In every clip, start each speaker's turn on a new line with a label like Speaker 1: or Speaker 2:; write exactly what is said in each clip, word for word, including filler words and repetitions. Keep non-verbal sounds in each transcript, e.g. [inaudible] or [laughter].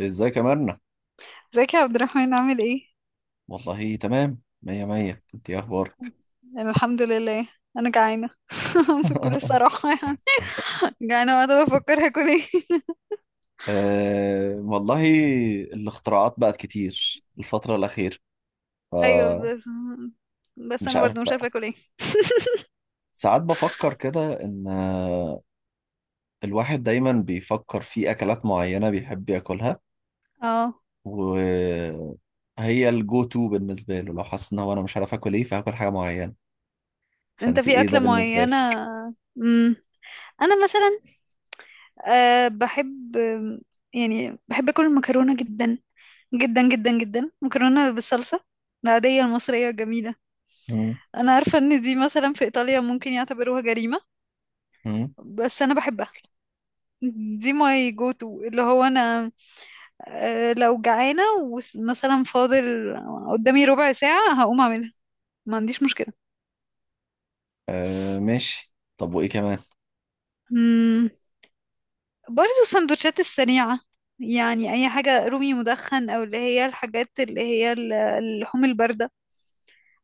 Speaker 1: ازيك يا مرنة؟
Speaker 2: ازيك يا عبد الرحمن عامل ايه؟
Speaker 1: والله تمام مية مية. انت ايه اخبارك؟
Speaker 2: أنا الحمد لله، انا جعانه. [laughs] بكل
Speaker 1: [laughs]
Speaker 2: صراحه يعني. جعانه وقاعده بفكر هاكل ايه. [laughs]
Speaker 1: أه والله، الاختراعات بقت كتير الفترة الأخيرة،
Speaker 2: ايوه
Speaker 1: فمش
Speaker 2: بس، بس انا
Speaker 1: عارف
Speaker 2: برضو مش عارفه
Speaker 1: بقى.
Speaker 2: اكل ايه.
Speaker 1: ساعات بفكر كده إن آه، الواحد دايما بيفكر في أكلات معينة بيحب ياكلها،
Speaker 2: اه،
Speaker 1: وهي الجو تو بالنسبة له، لو حاسس إن هو أنا مش عارف آكل إيه فهاكل حاجة معينة.
Speaker 2: انت
Speaker 1: فأنت
Speaker 2: في
Speaker 1: إيه ده
Speaker 2: اكله
Speaker 1: بالنسبة
Speaker 2: معينه.
Speaker 1: لك؟
Speaker 2: امم انا مثلا، أه بحب، يعني بحب اكل المكرونه جدا، جدا جدا جدا، مكرونه بالصلصه العاديه المصريه الجميله.
Speaker 1: مم.
Speaker 2: انا عارفه ان دي مثلا في ايطاليا ممكن يعتبروها جريمه،
Speaker 1: مم.
Speaker 2: بس انا بحبها. دي ماي جو تو، اللي هو انا، آه، لو جعانة ومثلا فاضل قدامي ربع ساعة هقوم أعملها، ما عنديش مشكلة.
Speaker 1: أه ماشي، طب وإيه كمان؟
Speaker 2: مم. برضو السندوتشات السريعة، يعني أي حاجة رومي مدخن، أو اللي هي الحاجات اللي هي ال- اللحوم الباردة،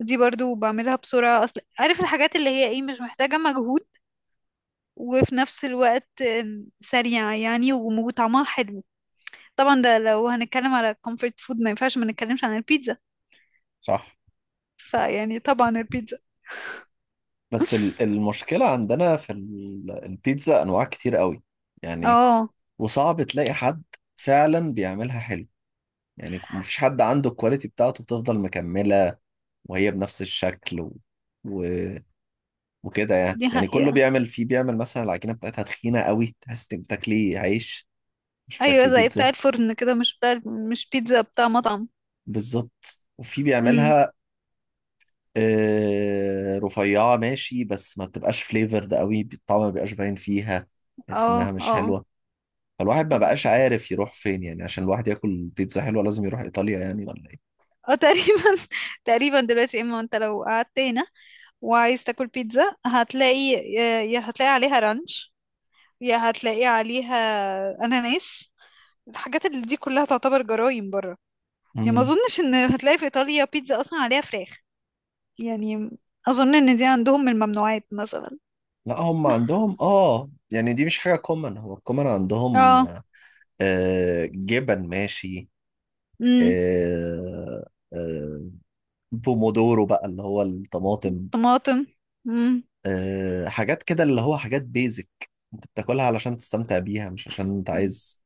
Speaker 2: دي برضو بعملها بسرعة. أصل عارف الحاجات اللي هي إيه، مش محتاجة مجهود، وفي نفس الوقت آم، سريعة يعني، وم- وطعمها حلو. طبعا ده لو هنتكلم على comfort food، ما ينفعش ما نتكلمش عن البيتزا.
Speaker 1: صح.
Speaker 2: فيعني طبعا البيتزا.
Speaker 1: بس ال- المشكلة عندنا في ال- البيتزا أنواع كتير قوي يعني،
Speaker 2: اه،
Speaker 1: وصعب تلاقي حد فعلا بيعملها حلو. يعني مفيش حد عنده الكواليتي بتاعته بتفضل مكملة وهي بنفس الشكل و... و... وكده يعني.
Speaker 2: دي
Speaker 1: يعني كله
Speaker 2: حقيقة.
Speaker 1: بيعمل فيه، بيعمل مثلا العجينة بتاعتها تخينة قوي، تحس انك بتاكلي عيش مش
Speaker 2: ايوه
Speaker 1: بتاكلي
Speaker 2: زي بتاع
Speaker 1: بيتزا.
Speaker 2: الفرن كده، مش بتاع، مش بيتزا بتاع مطعم.
Speaker 1: بالظبط. وفي
Speaker 2: امم.
Speaker 1: بيعملها آه، رفيعة ماشي، بس ما بتبقاش فليفرد قوي، الطعم ما بيبقاش باين فيها، تحس
Speaker 2: اه
Speaker 1: انها مش
Speaker 2: اه.
Speaker 1: حلوة. فالواحد ما بقاش عارف يروح فين يعني. عشان الواحد ياكل بيتزا حلوة لازم يروح ايطاليا يعني، ولا ايه؟
Speaker 2: اه تقريبا، [laughs] تقريبا دلوقتي. اما انت لو قعدت هنا وعايز تاكل بيتزا، هتلاقي يا يا هتلاقي عليها رانش، يا هتلاقي عليها اناناس. الحاجات اللي دي كلها تعتبر جرايم بره يعني. ما
Speaker 1: مم.
Speaker 2: اظنش ان هتلاقي في ايطاليا بيتزا اصلا عليها فراخ يعني. اظن ان دي عندهم من الممنوعات مثلا.
Speaker 1: لا هم عندهم، اه يعني دي مش حاجة كومن. هو الكومن عندهم
Speaker 2: اه.
Speaker 1: آه جبن ماشي،
Speaker 2: امم.
Speaker 1: آه، آه، بومودورو بقى اللي هو الطماطم.
Speaker 2: طماطم. مم.
Speaker 1: آه حاجات كده، اللي هو حاجات بيزك، انت بتاكلها علشان تستمتع بيها مش عشان انت عايز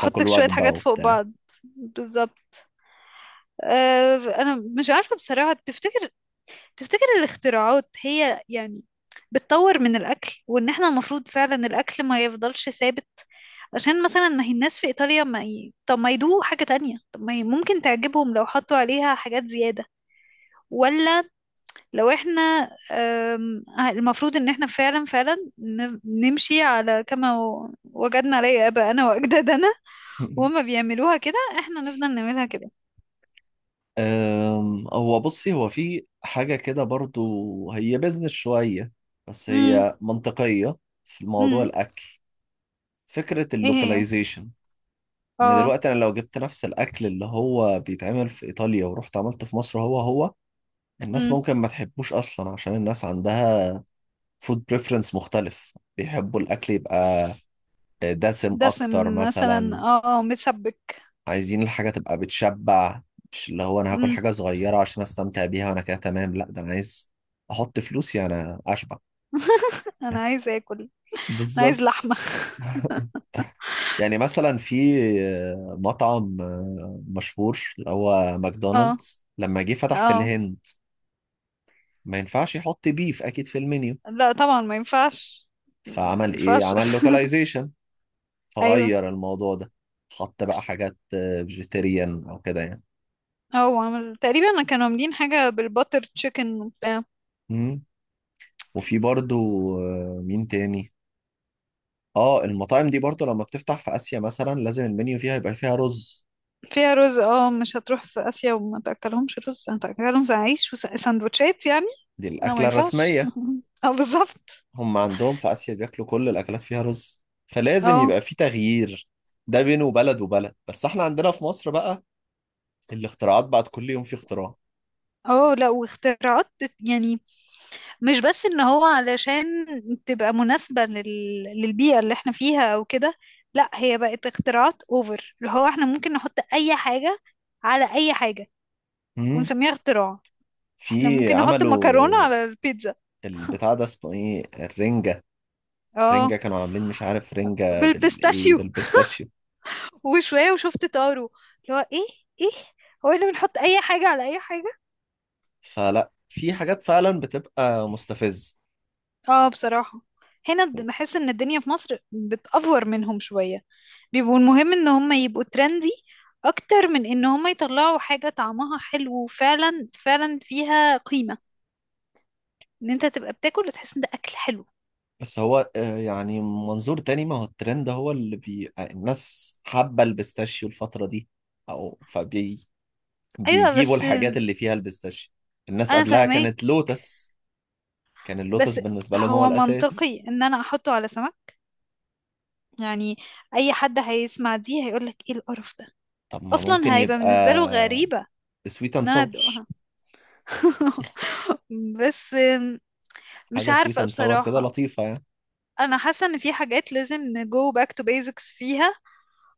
Speaker 1: تاكل
Speaker 2: شوية
Speaker 1: وجبة
Speaker 2: حاجات فوق
Speaker 1: وبتاع.
Speaker 2: بعض. بالظبط. أه أنا مش عارفة بصراحة. تفتكر، تفتكر الاختراعات هي يعني بتطور من الأكل، وإن احنا المفروض فعلا الأكل ما يفضلش ثابت؟ عشان مثلا ما هي الناس في إيطاليا ما ي... طب ما يدوقوا حاجة تانية، طب ما ي... ممكن تعجبهم لو حطوا عليها حاجات زيادة. ولا لو احنا أم... آه، المفروض إن احنا فعلا فعلا ن... نمشي على كما و- وجدنا عليه آباءنا وأجدادنا، وهما
Speaker 1: [laughs]
Speaker 2: بيعملوها كده احنا نفضل نعملها كده.
Speaker 1: أم، هو بصي، هو في حاجة كده برضو هي بيزنس شوية، بس
Speaker 2: امم.
Speaker 1: هي منطقية في موضوع
Speaker 2: امم.
Speaker 1: الأكل. فكرة
Speaker 2: ايه هي؟
Speaker 1: اللوكاليزيشن، إن
Speaker 2: اه.
Speaker 1: دلوقتي أنا لو جبت نفس الأكل اللي هو بيتعمل في إيطاليا ورحت عملته في مصر هو هو، الناس
Speaker 2: امم.
Speaker 1: ممكن ما تحبوش أصلا، عشان الناس عندها فود بريفرنس مختلف. بيحبوا الأكل يبقى دسم أكتر
Speaker 2: دسم مثلا،
Speaker 1: مثلا.
Speaker 2: اه متسبك.
Speaker 1: عايزين الحاجة تبقى بتشبع، مش اللي هو أنا هاكل
Speaker 2: امم.
Speaker 1: حاجة صغيرة عشان أستمتع بيها وأنا كده تمام. لا، ده أنا عايز أحط فلوسي أنا أشبع.
Speaker 2: انا عايز اكل. انا
Speaker 1: بالظبط.
Speaker 2: عايز لحمة.
Speaker 1: [laughs] يعني مثلا في مطعم مشهور، اللي هو
Speaker 2: [laughs] اه
Speaker 1: ماكدونالدز، لما جه فتح في
Speaker 2: اه.
Speaker 1: الهند، ما ينفعش يحط بيف أكيد في المنيو.
Speaker 2: لا طبعا ما ينفعش. ما
Speaker 1: فعمل إيه؟
Speaker 2: ينفعش.
Speaker 1: عمل لوكاليزيشن،
Speaker 2: [laughs] ايوه.
Speaker 1: فغير الموضوع ده، حط بقى حاجات فيجيتيريان أو كده يعني.
Speaker 2: هو عمل تقريبا، كانوا عاملين حاجة بالباتر تشيكن وبتاع.
Speaker 1: مم. وفي برضو آه، مين تاني؟ اه المطاعم دي برضو لما بتفتح في آسيا مثلا، لازم المنيو فيها يبقى فيها رز.
Speaker 2: فيها رز، اه. مش هتروح في اسيا وما تاكلهمش رز، هتاكلهم عيش وساندوتشات يعني؟
Speaker 1: دي
Speaker 2: لا ما
Speaker 1: الأكلة
Speaker 2: ينفعش.
Speaker 1: الرسمية.
Speaker 2: [laughs] اه بالظبط.
Speaker 1: هم عندهم في آسيا بياكلوا كل الأكلات فيها رز، فلازم
Speaker 2: اه.
Speaker 1: يبقى في تغيير. ده بينه وبلد وبلد. بس احنا عندنا في مصر بقى الاختراعات بقت كل يوم في اختراع.
Speaker 2: اه لا، واختراعات بت يعني، مش بس ان هو علشان تبقى مناسبة لل... للبيئة اللي احنا فيها او كده. لا، هي بقت اختراعات اوفر، اللي هو احنا ممكن نحط اي حاجة على اي حاجة
Speaker 1: مم.
Speaker 2: ونسميها اختراع.
Speaker 1: في
Speaker 2: احنا ممكن نحط مكرونة
Speaker 1: عملوا
Speaker 2: على البيتزا.
Speaker 1: البتاع ده اسمه ايه، الرنجة.
Speaker 2: اه.
Speaker 1: الرنجة كانوا عاملين مش عارف، رنجة بالايه،
Speaker 2: بالبيستاشيو.
Speaker 1: بالبيستاشيو.
Speaker 2: وشوية وشفت طارو، اللي هو ايه، ايه، هو احنا بنحط اي حاجة على اي حاجة.
Speaker 1: فلا، في حاجات فعلا بتبقى مستفز.
Speaker 2: اه بصراحة، هنا بحس ان الدنيا في مصر بتأفور منهم شوية. بيبقوا المهم ان هم يبقوا ترندي، اكتر من ان هم يطلعوا حاجة طعمها حلو وفعلا فعلا فيها قيمة، ان انت تبقى بتاكل وتحس ان ده اكل حلو.
Speaker 1: بس هو آه، يعني منظور تاني، ما هو الترند هو اللي بي... آه، الناس حابة البيستاشيو الفترة دي، أو فبي
Speaker 2: ايوه
Speaker 1: بيجيبوا
Speaker 2: بس،
Speaker 1: الحاجات اللي فيها البيستاشيو. الناس
Speaker 2: انا
Speaker 1: قبلها
Speaker 2: فاهماك.
Speaker 1: كانت لوتس، كان اللوتس
Speaker 2: بس
Speaker 1: بالنسبة لهم هو
Speaker 2: هو
Speaker 1: الأساس.
Speaker 2: منطقي ان انا احطه على سمك يعني؟ اي حد هيسمع دي هيقولك ايه القرف ده.
Speaker 1: طب ما
Speaker 2: اصلا
Speaker 1: ممكن
Speaker 2: هيبقى
Speaker 1: يبقى
Speaker 2: بالنسبة له غريبة
Speaker 1: سويت اند
Speaker 2: ان انا
Speaker 1: ساور،
Speaker 2: ادوقها. [laughs] بس، مش
Speaker 1: حاجة سويت
Speaker 2: عارفة
Speaker 1: اند ساور كده
Speaker 2: بصراحة.
Speaker 1: لطيفة يعني.
Speaker 2: انا حاسة ان في حاجات لازم نجو باك تو بيزكس فيها،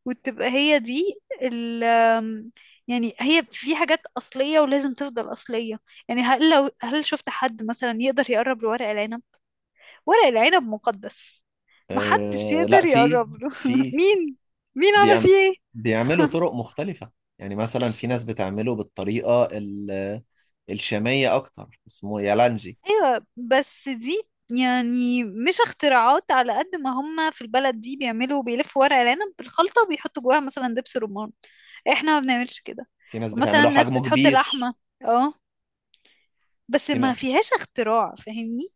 Speaker 2: وتبقى هي دي ال آم، يعني هي في حاجات أصلية ولازم تفضل أصلية. يعني هل لو، هل شفت حد مثلا يقدر يقرب لورق العنب؟ ورق العنب مقدس، محدش
Speaker 1: أه لا
Speaker 2: يقدر
Speaker 1: في،
Speaker 2: يقرب له. [laughs]
Speaker 1: في
Speaker 2: مين، مين عمل
Speaker 1: بيعم...
Speaker 2: فيه ايه؟
Speaker 1: بيعملوا
Speaker 2: [laughs]
Speaker 1: طرق مختلفة. يعني مثلا في ناس بتعمله بالطريقة ال... الشامية أكتر، اسمه يالانجي.
Speaker 2: ايوه بس دي، يعني مش اختراعات. على قد ما هم في البلد دي بيعملوا بيلفوا ورق العنب بالخلطة وبيحطوا جواها مثلا دبس رمان، احنا ما بنعملش كده.
Speaker 1: في ناس
Speaker 2: ومثلا
Speaker 1: بتعمله
Speaker 2: الناس
Speaker 1: حجمه
Speaker 2: بتحط
Speaker 1: كبير.
Speaker 2: لحمة، اه، بس
Speaker 1: في
Speaker 2: ما
Speaker 1: ناس،
Speaker 2: فيهاش اختراع، فاهمني؟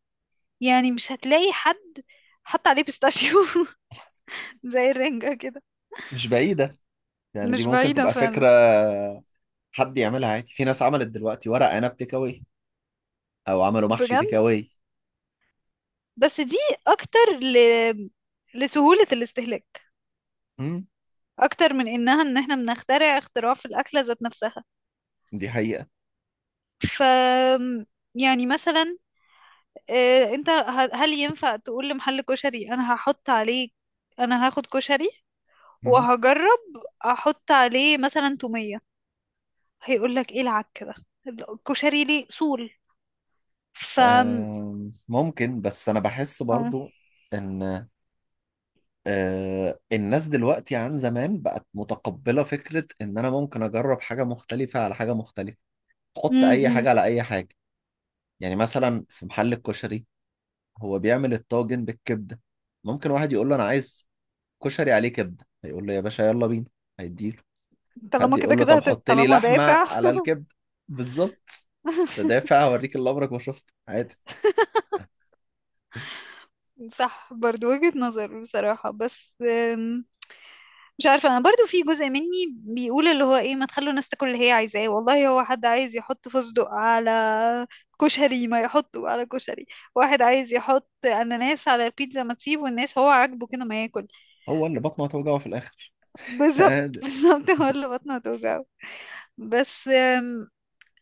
Speaker 2: يعني مش هتلاقي حد حط عليه بيستاشيو [laughs] زي الرنجة كده.
Speaker 1: مش بعيدة، يعني دي
Speaker 2: مش
Speaker 1: ممكن
Speaker 2: بعيدة
Speaker 1: تبقى فكرة،
Speaker 2: فعلا.
Speaker 1: حد يعملها عادي. في ناس عملت دلوقتي ورق عنب تيك أواي، أو عملوا محشي
Speaker 2: بجد؟
Speaker 1: تيك أواي.
Speaker 2: بس دي اكتر ل... لسهولة الاستهلاك،
Speaker 1: مم.
Speaker 2: اكتر من انها ان احنا بنخترع اختراع في الاكلة ذات نفسها.
Speaker 1: دي حقيقة.
Speaker 2: ف، يعني مثلا، آه، انت ه- هل ينفع تقول لمحل كشري انا هحط عليه، انا هاخد كشري
Speaker 1: مم.
Speaker 2: وهجرب احط عليه مثلا تومية؟ هيقول لك ايه العك ده، الكشري ليه اصول. ف،
Speaker 1: آم، ممكن، بس أنا بحس
Speaker 2: آه.
Speaker 1: برضو إن آه، الناس دلوقتي عن زمان بقت متقبلة فكرة إن أنا ممكن أجرب حاجة مختلفة على حاجة مختلفة، تحط أي
Speaker 2: امم.
Speaker 1: حاجة على أي حاجة. يعني مثلا في محل الكشري هو بيعمل الطاجن بالكبدة، ممكن واحد يقول له أنا عايز كشري عليه كبده، هيقول له يا باشا يلا بينا، هيديله. حد
Speaker 2: طالما كده
Speaker 1: يقول له
Speaker 2: كده
Speaker 1: طب
Speaker 2: هت...
Speaker 1: حط لي
Speaker 2: طالما
Speaker 1: لحمه
Speaker 2: دافع.
Speaker 1: على الكبده، بالظبط، ده
Speaker 2: [laughs]
Speaker 1: دافع، هوريك اللي عمرك ما شفته عادي.
Speaker 2: صح، برضو وجهة نظر بصراحة. بس أم، مش عارفة. أنا برضو في جزء مني بيقول اللي هو إيه، ما تخلوا الناس تاكل اللي هي عايزاه. والله هو حد عايز يحط فستق على كشري ما يحطه على كشري، واحد عايز يحط أناناس على البيتزا ما تسيبه، الناس هو عاجبه كده ما ياكل.
Speaker 1: هو اللي بطنه هتوجعه في الاخر. [laughs]
Speaker 2: بالظبط. [laughs]
Speaker 1: عادي.
Speaker 2: بالظبط، هو اللي بطنه هتوجعه. بس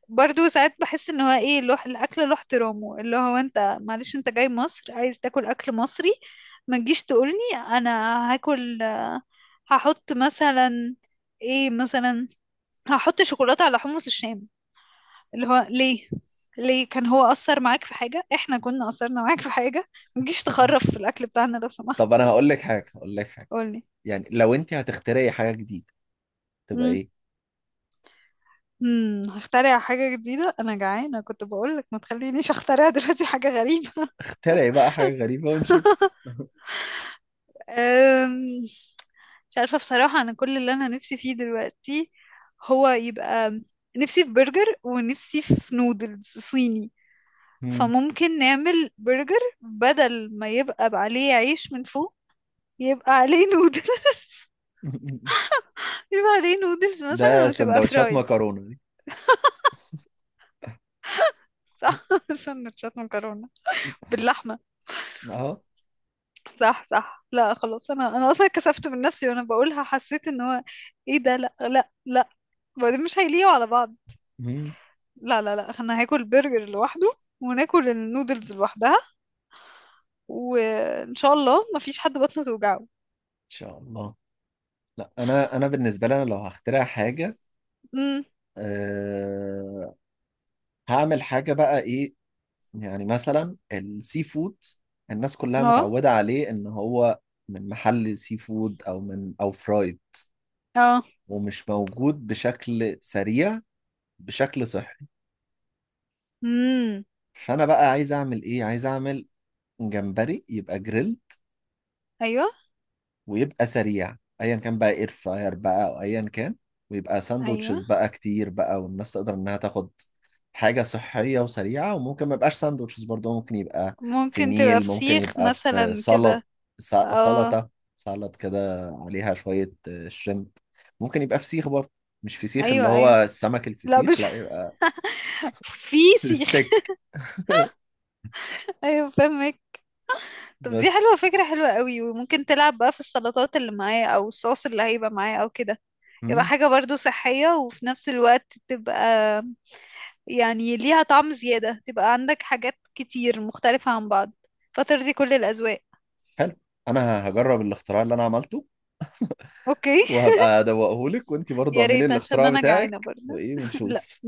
Speaker 2: برضو ساعات بحس ان هو ايه، له الاكل له احترامه، اللي هو انت معلش انت جاي مصر عايز تاكل اكل مصري، ما تجيش تقولني انا هاكل، آه، هحط مثلا ايه مثلا، هحط شوكولاته على حمص الشام. اللي هو ليه؟ ليه كان هو اثر معاك في حاجه، احنا كنا اثرنا معاك في حاجه؟ ما تجيش تخرف في الاكل بتاعنا لو سمحت.
Speaker 1: طب انا هقول لك حاجه، هقول لك حاجه.
Speaker 2: قولي.
Speaker 1: يعني لو انت هتخترعي حاجه جديده تبقى
Speaker 2: امم.
Speaker 1: ايه؟
Speaker 2: امم. هخترع حاجه جديده، انا جعانه كنت بقولك، ما تخلينيش اخترع دلوقتي حاجه غريبه. [laughs]
Speaker 1: تخترعي بقى حاجه غريبه ونشوف. [laughs]
Speaker 2: أم، مش عارفة بصراحة. أنا كل اللي أنا نفسي فيه دلوقتي، هو يبقى، نفسي في برجر ونفسي في نودلز صيني.
Speaker 1: مم.
Speaker 2: فممكن نعمل برجر بدل ما يبقى عليه عيش من فوق، يبقى عليه نودل، [laughs] يبقى عليه نودلز
Speaker 1: ده
Speaker 2: مثلا وتبقى
Speaker 1: سندوتشات
Speaker 2: فرايد.
Speaker 1: مكرونه دي.
Speaker 2: صح. [laughs] سندوتشات مكرونة باللحمة.
Speaker 1: اهو.
Speaker 2: صح صح. لا خلاص، أنا أنا أصلا كسفت من نفسي وأنا بقولها، حسيت إن هو إيه ده، لا لا لا، وبعدين مش هيليقوا على بعض.
Speaker 1: مم. ان
Speaker 2: لا لا لا، احنا هاكل برجر لوحده وناكل النودلز لوحدها، وان شاء الله ما فيش حد بطنه توجعه.
Speaker 1: شاء الله. لا انا، انا بالنسبه لي، انا لو هخترع حاجه،
Speaker 2: امم.
Speaker 1: أه هعمل حاجة، بقى ايه؟ يعني مثلا السي فود، الناس كلها
Speaker 2: اه
Speaker 1: متعودة عليه ان هو من محل سي فود، او من او فرايد،
Speaker 2: اه.
Speaker 1: ومش موجود بشكل سريع بشكل صحي.
Speaker 2: امم.
Speaker 1: فانا بقى عايز اعمل ايه؟ عايز اعمل جمبري يبقى جريل،
Speaker 2: ايوه
Speaker 1: ويبقى سريع، ايا كان بقى اير فراير بقى او ايا كان، ويبقى ساندوتشز
Speaker 2: ايوه.
Speaker 1: بقى كتير بقى، والناس تقدر انها تاخد حاجة صحية وسريعة. وممكن ما يبقاش ساندوتشز برضه، ممكن يبقى في
Speaker 2: ممكن تبقى
Speaker 1: ميل، ممكن
Speaker 2: فسيخ
Speaker 1: يبقى في
Speaker 2: مثلا
Speaker 1: سلط،
Speaker 2: كده.
Speaker 1: س-
Speaker 2: اه.
Speaker 1: سلطة، سلط كده عليها شوية آه، شريمب. ممكن يبقى فسيخ برضه، مش فسيخ اللي
Speaker 2: ايوه ايوه،
Speaker 1: هو السمك
Speaker 2: لا
Speaker 1: الفسيخ،
Speaker 2: مش،
Speaker 1: لا، يبقى
Speaker 2: [laughs] في
Speaker 1: [laughs]
Speaker 2: سيخ.
Speaker 1: ستيك.
Speaker 2: ايوه فاهمك. طب دي حلوه،
Speaker 1: بس.
Speaker 2: فكره حلوه قوي، وممكن تلعب بقى في السلطات اللي معاه او الصوص اللي هيبقى معاه او كده، يبقى
Speaker 1: مم.
Speaker 2: حاجه برضو صحيه، وفي نفس الوقت تبقى يعني ليها طعم زيادة، تبقى عندك حاجات كتير مختلفة عن بعض فترضي كل الأذواق.
Speaker 1: حلو. انا هجرب الاختراع اللي انا عملته
Speaker 2: اوكي.
Speaker 1: وهبقى ادوقهولك، وانتي
Speaker 2: [laughs]
Speaker 1: برضه
Speaker 2: يا
Speaker 1: اعملي
Speaker 2: ريت عشان
Speaker 1: الاختراع
Speaker 2: انا جعانة
Speaker 1: بتاعك
Speaker 2: برضه.
Speaker 1: وايه،
Speaker 2: لا.
Speaker 1: ونشوف.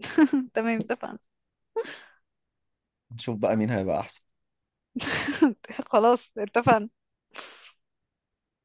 Speaker 2: [laughs] تمام، اتفقنا.
Speaker 1: نشوف بقى مين هيبقى احسن.
Speaker 2: [laughs] خلاص، اتفقنا.